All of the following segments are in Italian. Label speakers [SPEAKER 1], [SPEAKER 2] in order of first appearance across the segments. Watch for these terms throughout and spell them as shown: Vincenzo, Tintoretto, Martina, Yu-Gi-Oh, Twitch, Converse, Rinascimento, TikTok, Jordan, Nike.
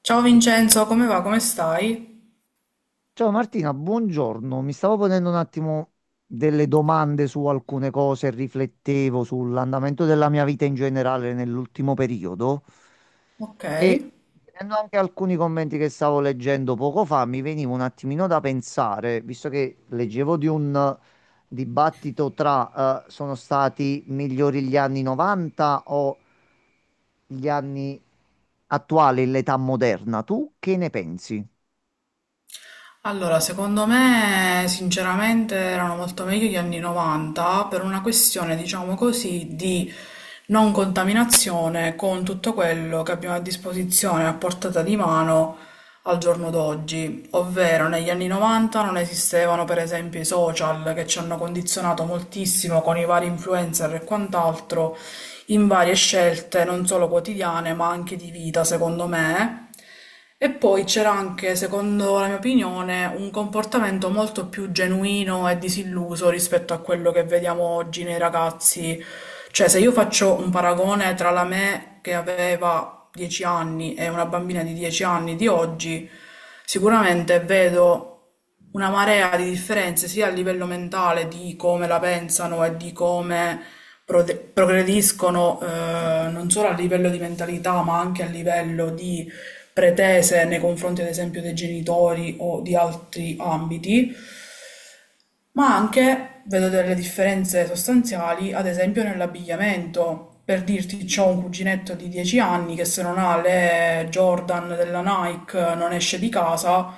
[SPEAKER 1] Ciao Vincenzo, come va? Come stai?
[SPEAKER 2] Ciao Martina, buongiorno. Mi stavo ponendo un attimo delle domande su alcune cose, riflettevo sull'andamento della mia vita in generale nell'ultimo periodo
[SPEAKER 1] Ok.
[SPEAKER 2] e vedendo anche alcuni commenti che stavo leggendo poco fa, mi veniva un attimino da pensare, visto che leggevo di un dibattito tra sono stati migliori gli anni 90 o gli anni attuali, l'età moderna. Tu che ne pensi?
[SPEAKER 1] Allora, secondo me, sinceramente, erano molto meglio gli anni 90 per una questione, diciamo così, di non contaminazione con tutto quello che abbiamo a disposizione a portata di mano al giorno d'oggi, ovvero negli anni 90 non esistevano per esempio i social che ci hanno condizionato moltissimo con i vari influencer e quant'altro in varie scelte non solo quotidiane ma anche di vita, secondo me. E poi c'era anche, secondo la mia opinione, un comportamento molto più genuino e disilluso rispetto a quello che vediamo oggi nei ragazzi. Cioè, se io faccio un paragone tra la me che aveva fa 10 anni e una bambina di 10 anni di oggi, sicuramente vedo una marea di differenze sia a livello mentale di come la pensano e di come progrediscono, non solo a livello di mentalità, ma anche a livello di pretese nei confronti, ad esempio, dei genitori o di altri ambiti. Ma anche vedo delle differenze sostanziali, ad esempio nell'abbigliamento. Per dirti, c'ho un cuginetto di 10 anni che se non ha le Jordan della Nike non esce di casa.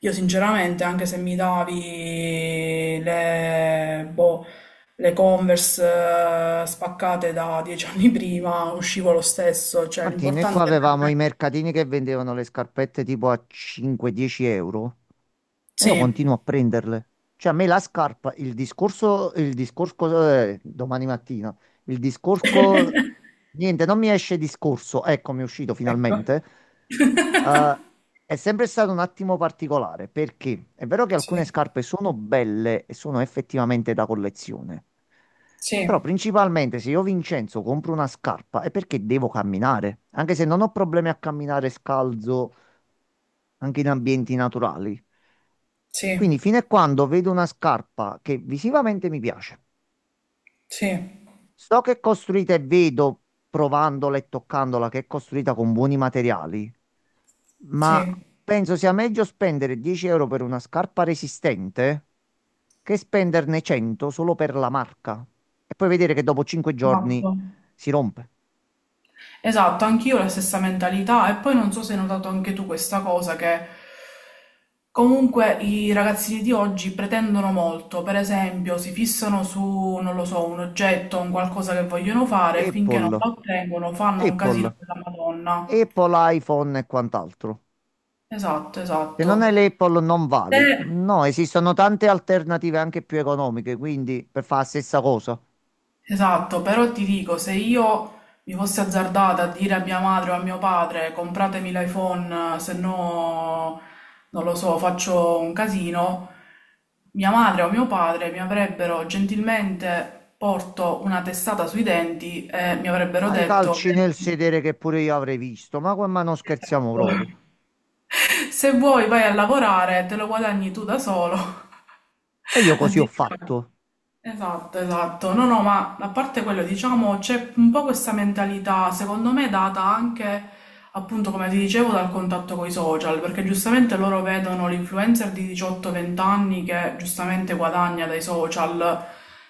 [SPEAKER 1] Io sinceramente, anche se mi davi le, boh, le Converse spaccate da 10 anni prima, uscivo lo stesso. Cioè,
[SPEAKER 2] Martino, e qua
[SPEAKER 1] l'importante per
[SPEAKER 2] avevamo i
[SPEAKER 1] me...
[SPEAKER 2] mercatini che vendevano le scarpette tipo a 5-10 euro e io
[SPEAKER 1] Sì,
[SPEAKER 2] continuo a prenderle. Cioè, a me la scarpa, domani mattina, il discorso, niente, non mi esce discorso, ecco, mi è uscito
[SPEAKER 1] ecco.
[SPEAKER 2] finalmente. Eh, è sempre stato un attimo particolare perché è vero che
[SPEAKER 1] Sì,
[SPEAKER 2] alcune scarpe sono belle e sono effettivamente da collezione, però
[SPEAKER 1] sì,
[SPEAKER 2] principalmente se io Vincenzo compro una scarpa è perché devo camminare, anche se non ho problemi a camminare scalzo anche in ambienti naturali. Quindi
[SPEAKER 1] sì,
[SPEAKER 2] fino a quando vedo una scarpa che visivamente mi piace,
[SPEAKER 1] sì,
[SPEAKER 2] so che è costruita e vedo, provandola e toccandola, che è costruita con buoni materiali, ma
[SPEAKER 1] sì.
[SPEAKER 2] penso sia meglio spendere 10 euro per una scarpa resistente che spenderne 100 solo per la marca e poi vedere che dopo 5
[SPEAKER 1] Esatto.
[SPEAKER 2] giorni si rompe.
[SPEAKER 1] Esatto, anch'io ho la stessa mentalità e poi non so se hai notato anche tu questa cosa che comunque i ragazzini di oggi pretendono molto, per esempio si fissano su, non lo so, un oggetto, un qualcosa che vogliono fare, finché non
[SPEAKER 2] Apple,
[SPEAKER 1] lo ottengono fanno un casino
[SPEAKER 2] Apple,
[SPEAKER 1] della Madonna.
[SPEAKER 2] Apple iPhone e quant'altro.
[SPEAKER 1] Esatto,
[SPEAKER 2] Se non hai
[SPEAKER 1] esatto.
[SPEAKER 2] l'Apple non
[SPEAKER 1] Te
[SPEAKER 2] vali. No, esistono tante alternative anche più economiche, quindi per fare la stessa cosa.
[SPEAKER 1] Esatto, però ti dico, se io mi fossi azzardata a dire a mia madre o a mio padre compratemi l'iPhone, se no, non lo so, faccio un casino, mia madre o mio padre mi avrebbero gentilmente porto una testata sui denti e mi avrebbero
[SPEAKER 2] Ma i
[SPEAKER 1] detto,
[SPEAKER 2] calci nel
[SPEAKER 1] "Vedi,
[SPEAKER 2] sedere che pure io avrei visto, ma, ma non scherziamo proprio.
[SPEAKER 1] esatto, se vuoi vai a lavorare, te lo guadagni tu da solo.
[SPEAKER 2] E io così ho
[SPEAKER 1] Addirittura.
[SPEAKER 2] fatto,
[SPEAKER 1] Esatto, esatto. No, no, ma a parte quello, diciamo, c'è un po' questa mentalità, secondo me, data anche, appunto, come ti dicevo, dal contatto con i social, perché giustamente loro vedono l'influencer di 18-20 anni che giustamente guadagna dai social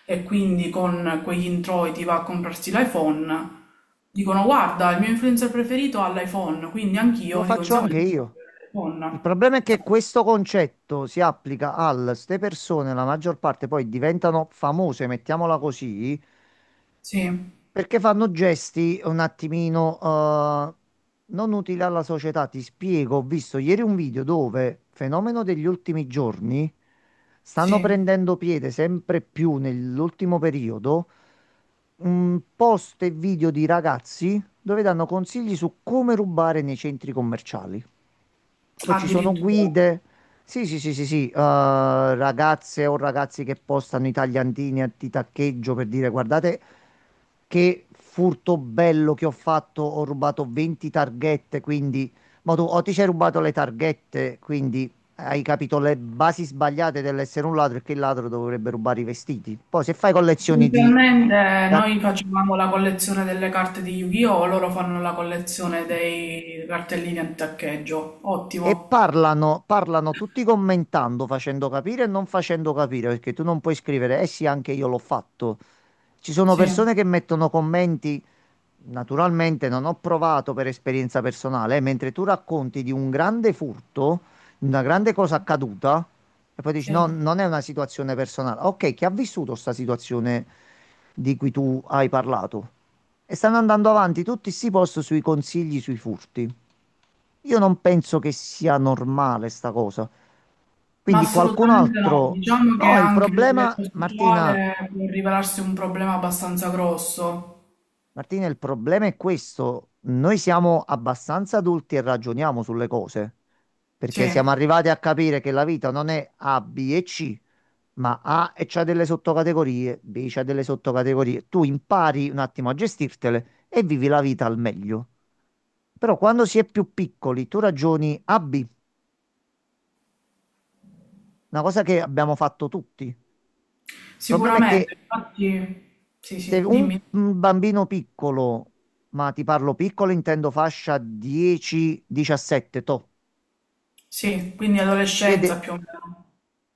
[SPEAKER 1] e quindi con quegli introiti va a comprarsi l'iPhone. Dicono, guarda, il mio influencer preferito ha l'iPhone, quindi
[SPEAKER 2] lo
[SPEAKER 1] anch'io di
[SPEAKER 2] faccio anche
[SPEAKER 1] conseguenza voglio avere
[SPEAKER 2] io. Il
[SPEAKER 1] l'iPhone.
[SPEAKER 2] problema è che
[SPEAKER 1] Esatto,
[SPEAKER 2] questo concetto si applica al, ste persone, la maggior parte poi diventano famose, mettiamola così,
[SPEAKER 1] sì,
[SPEAKER 2] perché fanno gesti un attimino non utili alla società. Ti spiego, ho visto ieri un video dove, fenomeno degli ultimi giorni, stanno
[SPEAKER 1] sì,
[SPEAKER 2] prendendo piede sempre più nell'ultimo periodo, un post e video di ragazzi dove danno consigli su come rubare nei centri commerciali. Poi ci sono
[SPEAKER 1] addirittura.
[SPEAKER 2] guide. Sì, sì, sì, sì, sì, ragazze o ragazzi che postano i tagliantini di taccheggio per dire guardate che furto bello che ho fatto, ho rubato 20 targhette, quindi ma tu o ti sei rubato le targhette, quindi hai capito le basi sbagliate dell'essere un ladro e che il ladro dovrebbe rubare i vestiti. Poi se fai collezioni di
[SPEAKER 1] Inizialmente
[SPEAKER 2] tac-
[SPEAKER 1] noi facevamo la collezione delle carte di Yu-Gi-Oh! Loro fanno la collezione dei cartellini a taccheggio.
[SPEAKER 2] e
[SPEAKER 1] Ottimo,
[SPEAKER 2] parlano, parlano tutti commentando, facendo capire e non facendo capire, perché tu non puoi scrivere, eh sì, anche io l'ho fatto. Ci sono
[SPEAKER 1] sì,
[SPEAKER 2] persone che mettono commenti, naturalmente non ho provato per esperienza personale, mentre tu racconti di un grande furto, di una grande cosa accaduta, e poi dici no,
[SPEAKER 1] sì.
[SPEAKER 2] non è una situazione personale. Ok, chi ha vissuto questa situazione di cui tu hai parlato? E stanno andando avanti tutti sti post sui consigli sui furti. Io non penso che sia normale sta cosa.
[SPEAKER 1] Ma
[SPEAKER 2] Quindi qualcun
[SPEAKER 1] assolutamente no.
[SPEAKER 2] altro...
[SPEAKER 1] Diciamo che
[SPEAKER 2] No, il
[SPEAKER 1] anche il livello
[SPEAKER 2] problema, Martina,
[SPEAKER 1] sociale può rivelarsi un problema abbastanza grosso.
[SPEAKER 2] Martina, il problema è questo. Noi siamo abbastanza adulti e ragioniamo sulle cose,
[SPEAKER 1] Sì,
[SPEAKER 2] perché siamo arrivati a capire che la vita non è A, B e C, ma A e c'ha delle sottocategorie, B c'ha delle sottocategorie. Tu impari un attimo a gestirtele e vivi la vita al meglio. Però quando si è più piccoli, tu ragioni A, B, una cosa che abbiamo fatto tutti. Il problema è che
[SPEAKER 1] sicuramente. Infatti, sì,
[SPEAKER 2] se
[SPEAKER 1] sì,
[SPEAKER 2] un
[SPEAKER 1] dimmi.
[SPEAKER 2] un bambino piccolo, ma ti parlo piccolo, intendo fascia 10-17, toh,
[SPEAKER 1] Sì, quindi
[SPEAKER 2] vede,
[SPEAKER 1] adolescenza più o meno.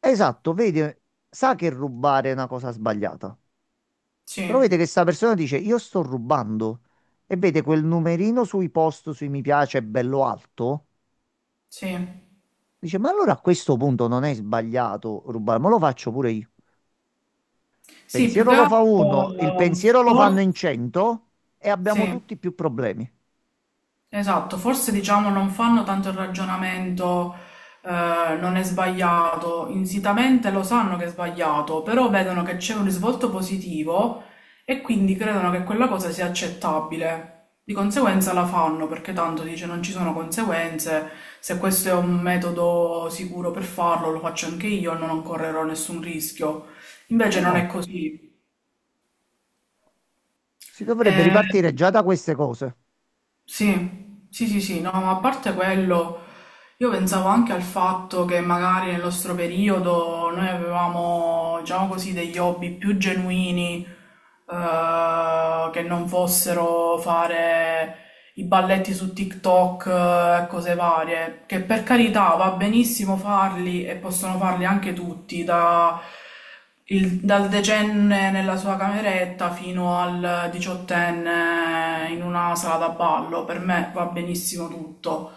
[SPEAKER 2] esatto, vede, sa che rubare è una cosa sbagliata,
[SPEAKER 1] Sì,
[SPEAKER 2] però vede che sta persona dice io sto rubando e vede quel numerino sui post, sui mi piace, bello alto,
[SPEAKER 1] sì.
[SPEAKER 2] dice ma allora a questo punto non è sbagliato rubare, ma lo faccio pure io.
[SPEAKER 1] Sì, più
[SPEAKER 2] Pensiero
[SPEAKER 1] che
[SPEAKER 2] lo fa
[SPEAKER 1] altro,
[SPEAKER 2] uno, il pensiero lo fanno
[SPEAKER 1] forse,
[SPEAKER 2] in 100 e abbiamo
[SPEAKER 1] sì.
[SPEAKER 2] tutti più problemi.
[SPEAKER 1] Esatto, forse diciamo non fanno tanto il ragionamento, non è sbagliato, insitamente lo sanno che è sbagliato, però vedono che c'è un risvolto positivo e quindi credono che quella cosa sia accettabile. Di conseguenza la fanno perché tanto dice non ci sono conseguenze, se questo è un metodo sicuro per farlo lo faccio anche io, non correrò nessun rischio. Invece
[SPEAKER 2] No,
[SPEAKER 1] non è
[SPEAKER 2] no.
[SPEAKER 1] così.
[SPEAKER 2] Si dovrebbe ripartire
[SPEAKER 1] Eh,
[SPEAKER 2] già da queste cose.
[SPEAKER 1] sì, sì, sì, sì, no, ma a parte quello, io pensavo anche al fatto che magari nel nostro periodo noi avevamo, diciamo così, degli hobby più genuini, che non fossero fare i balletti su TikTok e cose varie, che per carità va benissimo farli e possono farli anche tutti, dal decenne nella sua cameretta fino al diciottenne in una sala da ballo, per me va benissimo tutto.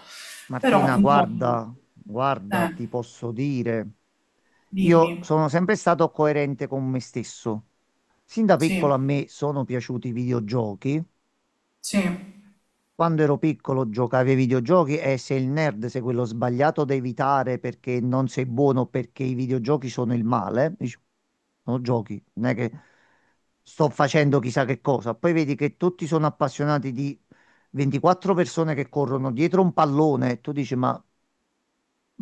[SPEAKER 1] Però,
[SPEAKER 2] Martina,
[SPEAKER 1] insomma,
[SPEAKER 2] guarda, guarda,
[SPEAKER 1] eh,
[SPEAKER 2] ti posso dire, io
[SPEAKER 1] dimmi,
[SPEAKER 2] sono sempre stato coerente con me stesso. Sin da piccolo
[SPEAKER 1] sì,
[SPEAKER 2] a me sono piaciuti i videogiochi,
[SPEAKER 1] sì,
[SPEAKER 2] quando ero piccolo giocavi ai videogiochi e sei il nerd, sei quello sbagliato da evitare perché non sei buono, o perché i videogiochi sono il male. Dici, sono giochi, non è che sto facendo chissà che cosa. Poi vedi che tutti sono appassionati di 24 persone che corrono dietro un pallone e tu dici, ma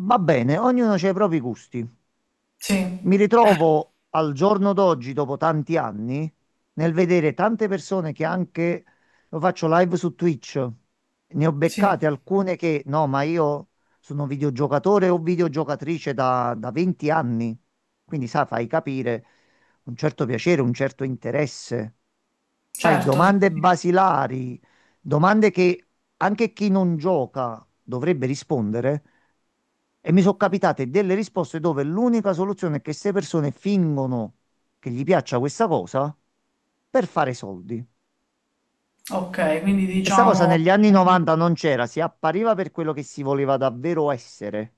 [SPEAKER 2] va bene, ognuno ha i propri gusti.
[SPEAKER 1] sì,
[SPEAKER 2] Mi ritrovo al giorno d'oggi, dopo tanti anni, nel vedere tante persone che anche lo faccio live su Twitch. Ne ho
[SPEAKER 1] sì,
[SPEAKER 2] beccate alcune che no, ma io sono videogiocatore o videogiocatrice da 20 anni. Quindi, sa, fai capire un certo piacere, un certo interesse. Fai
[SPEAKER 1] certo, sì,
[SPEAKER 2] domande
[SPEAKER 1] sì.
[SPEAKER 2] basilari, domande che anche chi non gioca dovrebbe rispondere. E mi sono capitate delle risposte dove l'unica soluzione è che queste persone fingono che gli piaccia questa cosa per fare soldi.
[SPEAKER 1] Ok, quindi
[SPEAKER 2] E sta cosa
[SPEAKER 1] diciamo...
[SPEAKER 2] negli anni 90 non c'era, si appariva per quello che si voleva davvero essere.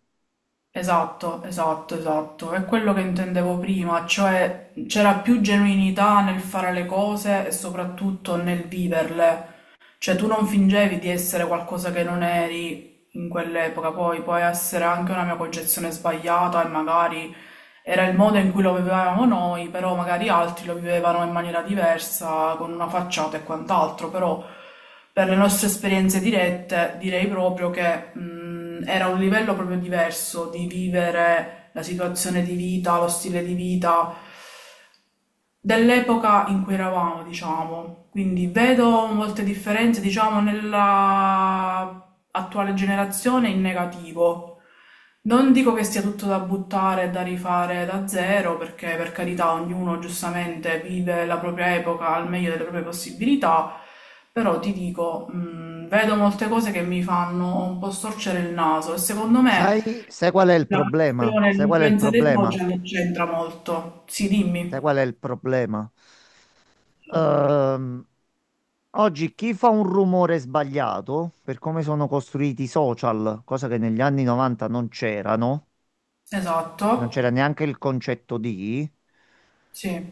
[SPEAKER 1] Esatto, esatto, esatto. È quello che intendevo prima, cioè c'era più genuinità nel fare le cose e soprattutto nel viverle. Cioè tu non fingevi di essere qualcosa che non eri in quell'epoca, poi può essere anche una mia concezione sbagliata e magari era il modo in cui lo vivevamo noi, però magari altri lo vivevano in maniera diversa, con una facciata e quant'altro, però per le nostre esperienze dirette direi proprio che era un livello proprio diverso di vivere la situazione di vita, lo stile di vita, dell'epoca in cui eravamo, diciamo. Quindi vedo molte differenze, diciamo, nella attuale generazione in negativo. Non dico che sia tutto da buttare e da rifare da zero, perché per carità ognuno giustamente vive la propria epoca al meglio delle proprie possibilità, però ti dico, vedo molte cose che mi fanno un po' storcere il naso e secondo me
[SPEAKER 2] Sai qual è il
[SPEAKER 1] la
[SPEAKER 2] problema?
[SPEAKER 1] questione,
[SPEAKER 2] Sai qual è il
[SPEAKER 1] l'influenza dei
[SPEAKER 2] problema?
[SPEAKER 1] social c'entra molto. Sì,
[SPEAKER 2] Sai
[SPEAKER 1] dimmi.
[SPEAKER 2] qual è il problema? Ehm, Oggi chi fa un rumore sbagliato, per come sono costruiti i social, cosa che negli anni 90 non c'erano,
[SPEAKER 1] Esatto.
[SPEAKER 2] non c'era neanche il concetto di,
[SPEAKER 1] Sì,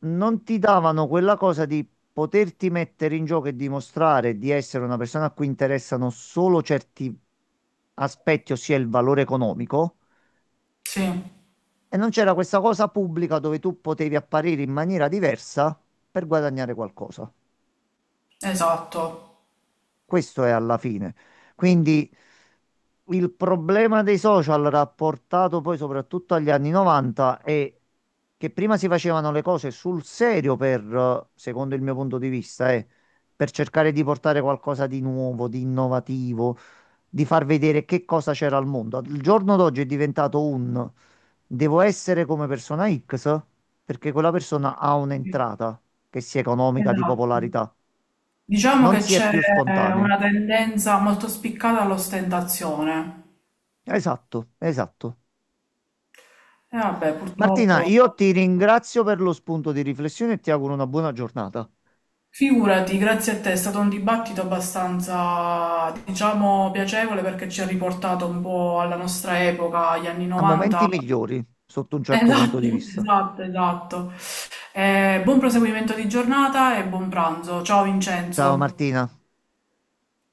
[SPEAKER 2] non ti davano quella cosa di poterti mettere in gioco e dimostrare di essere una persona a cui interessano solo certi aspetti, ossia il valore economico,
[SPEAKER 1] sì,
[SPEAKER 2] e non c'era questa cosa pubblica dove tu potevi apparire in maniera diversa per guadagnare qualcosa.
[SPEAKER 1] esatto.
[SPEAKER 2] Questo è alla fine. Quindi il problema dei social rapportato poi soprattutto agli anni 90 è che prima si facevano le cose sul serio per, secondo il mio punto di vista, per cercare di portare qualcosa di nuovo, di innovativo, di far vedere che cosa c'era al mondo. Il giorno d'oggi è diventato un devo essere come persona X perché quella persona ha
[SPEAKER 1] Sì,
[SPEAKER 2] un'entrata che sia economica, di
[SPEAKER 1] esatto.
[SPEAKER 2] popolarità.
[SPEAKER 1] Diciamo
[SPEAKER 2] Non
[SPEAKER 1] che
[SPEAKER 2] si è
[SPEAKER 1] c'è
[SPEAKER 2] più spontanei.
[SPEAKER 1] una tendenza molto spiccata all'ostentazione.
[SPEAKER 2] Esatto, esatto.
[SPEAKER 1] E vabbè,
[SPEAKER 2] Martina,
[SPEAKER 1] purtroppo,
[SPEAKER 2] io ti ringrazio per lo spunto di riflessione e ti auguro una buona giornata.
[SPEAKER 1] figurati, grazie a te, è stato un dibattito abbastanza, diciamo, piacevole perché ci ha riportato un po' alla nostra epoca, agli anni
[SPEAKER 2] A momenti
[SPEAKER 1] 90.
[SPEAKER 2] migliori, sotto un certo punto
[SPEAKER 1] Esatto,
[SPEAKER 2] di vista.
[SPEAKER 1] esatto, esatto. Buon proseguimento di giornata e buon pranzo. Ciao
[SPEAKER 2] Ciao
[SPEAKER 1] Vincenzo.
[SPEAKER 2] Martina.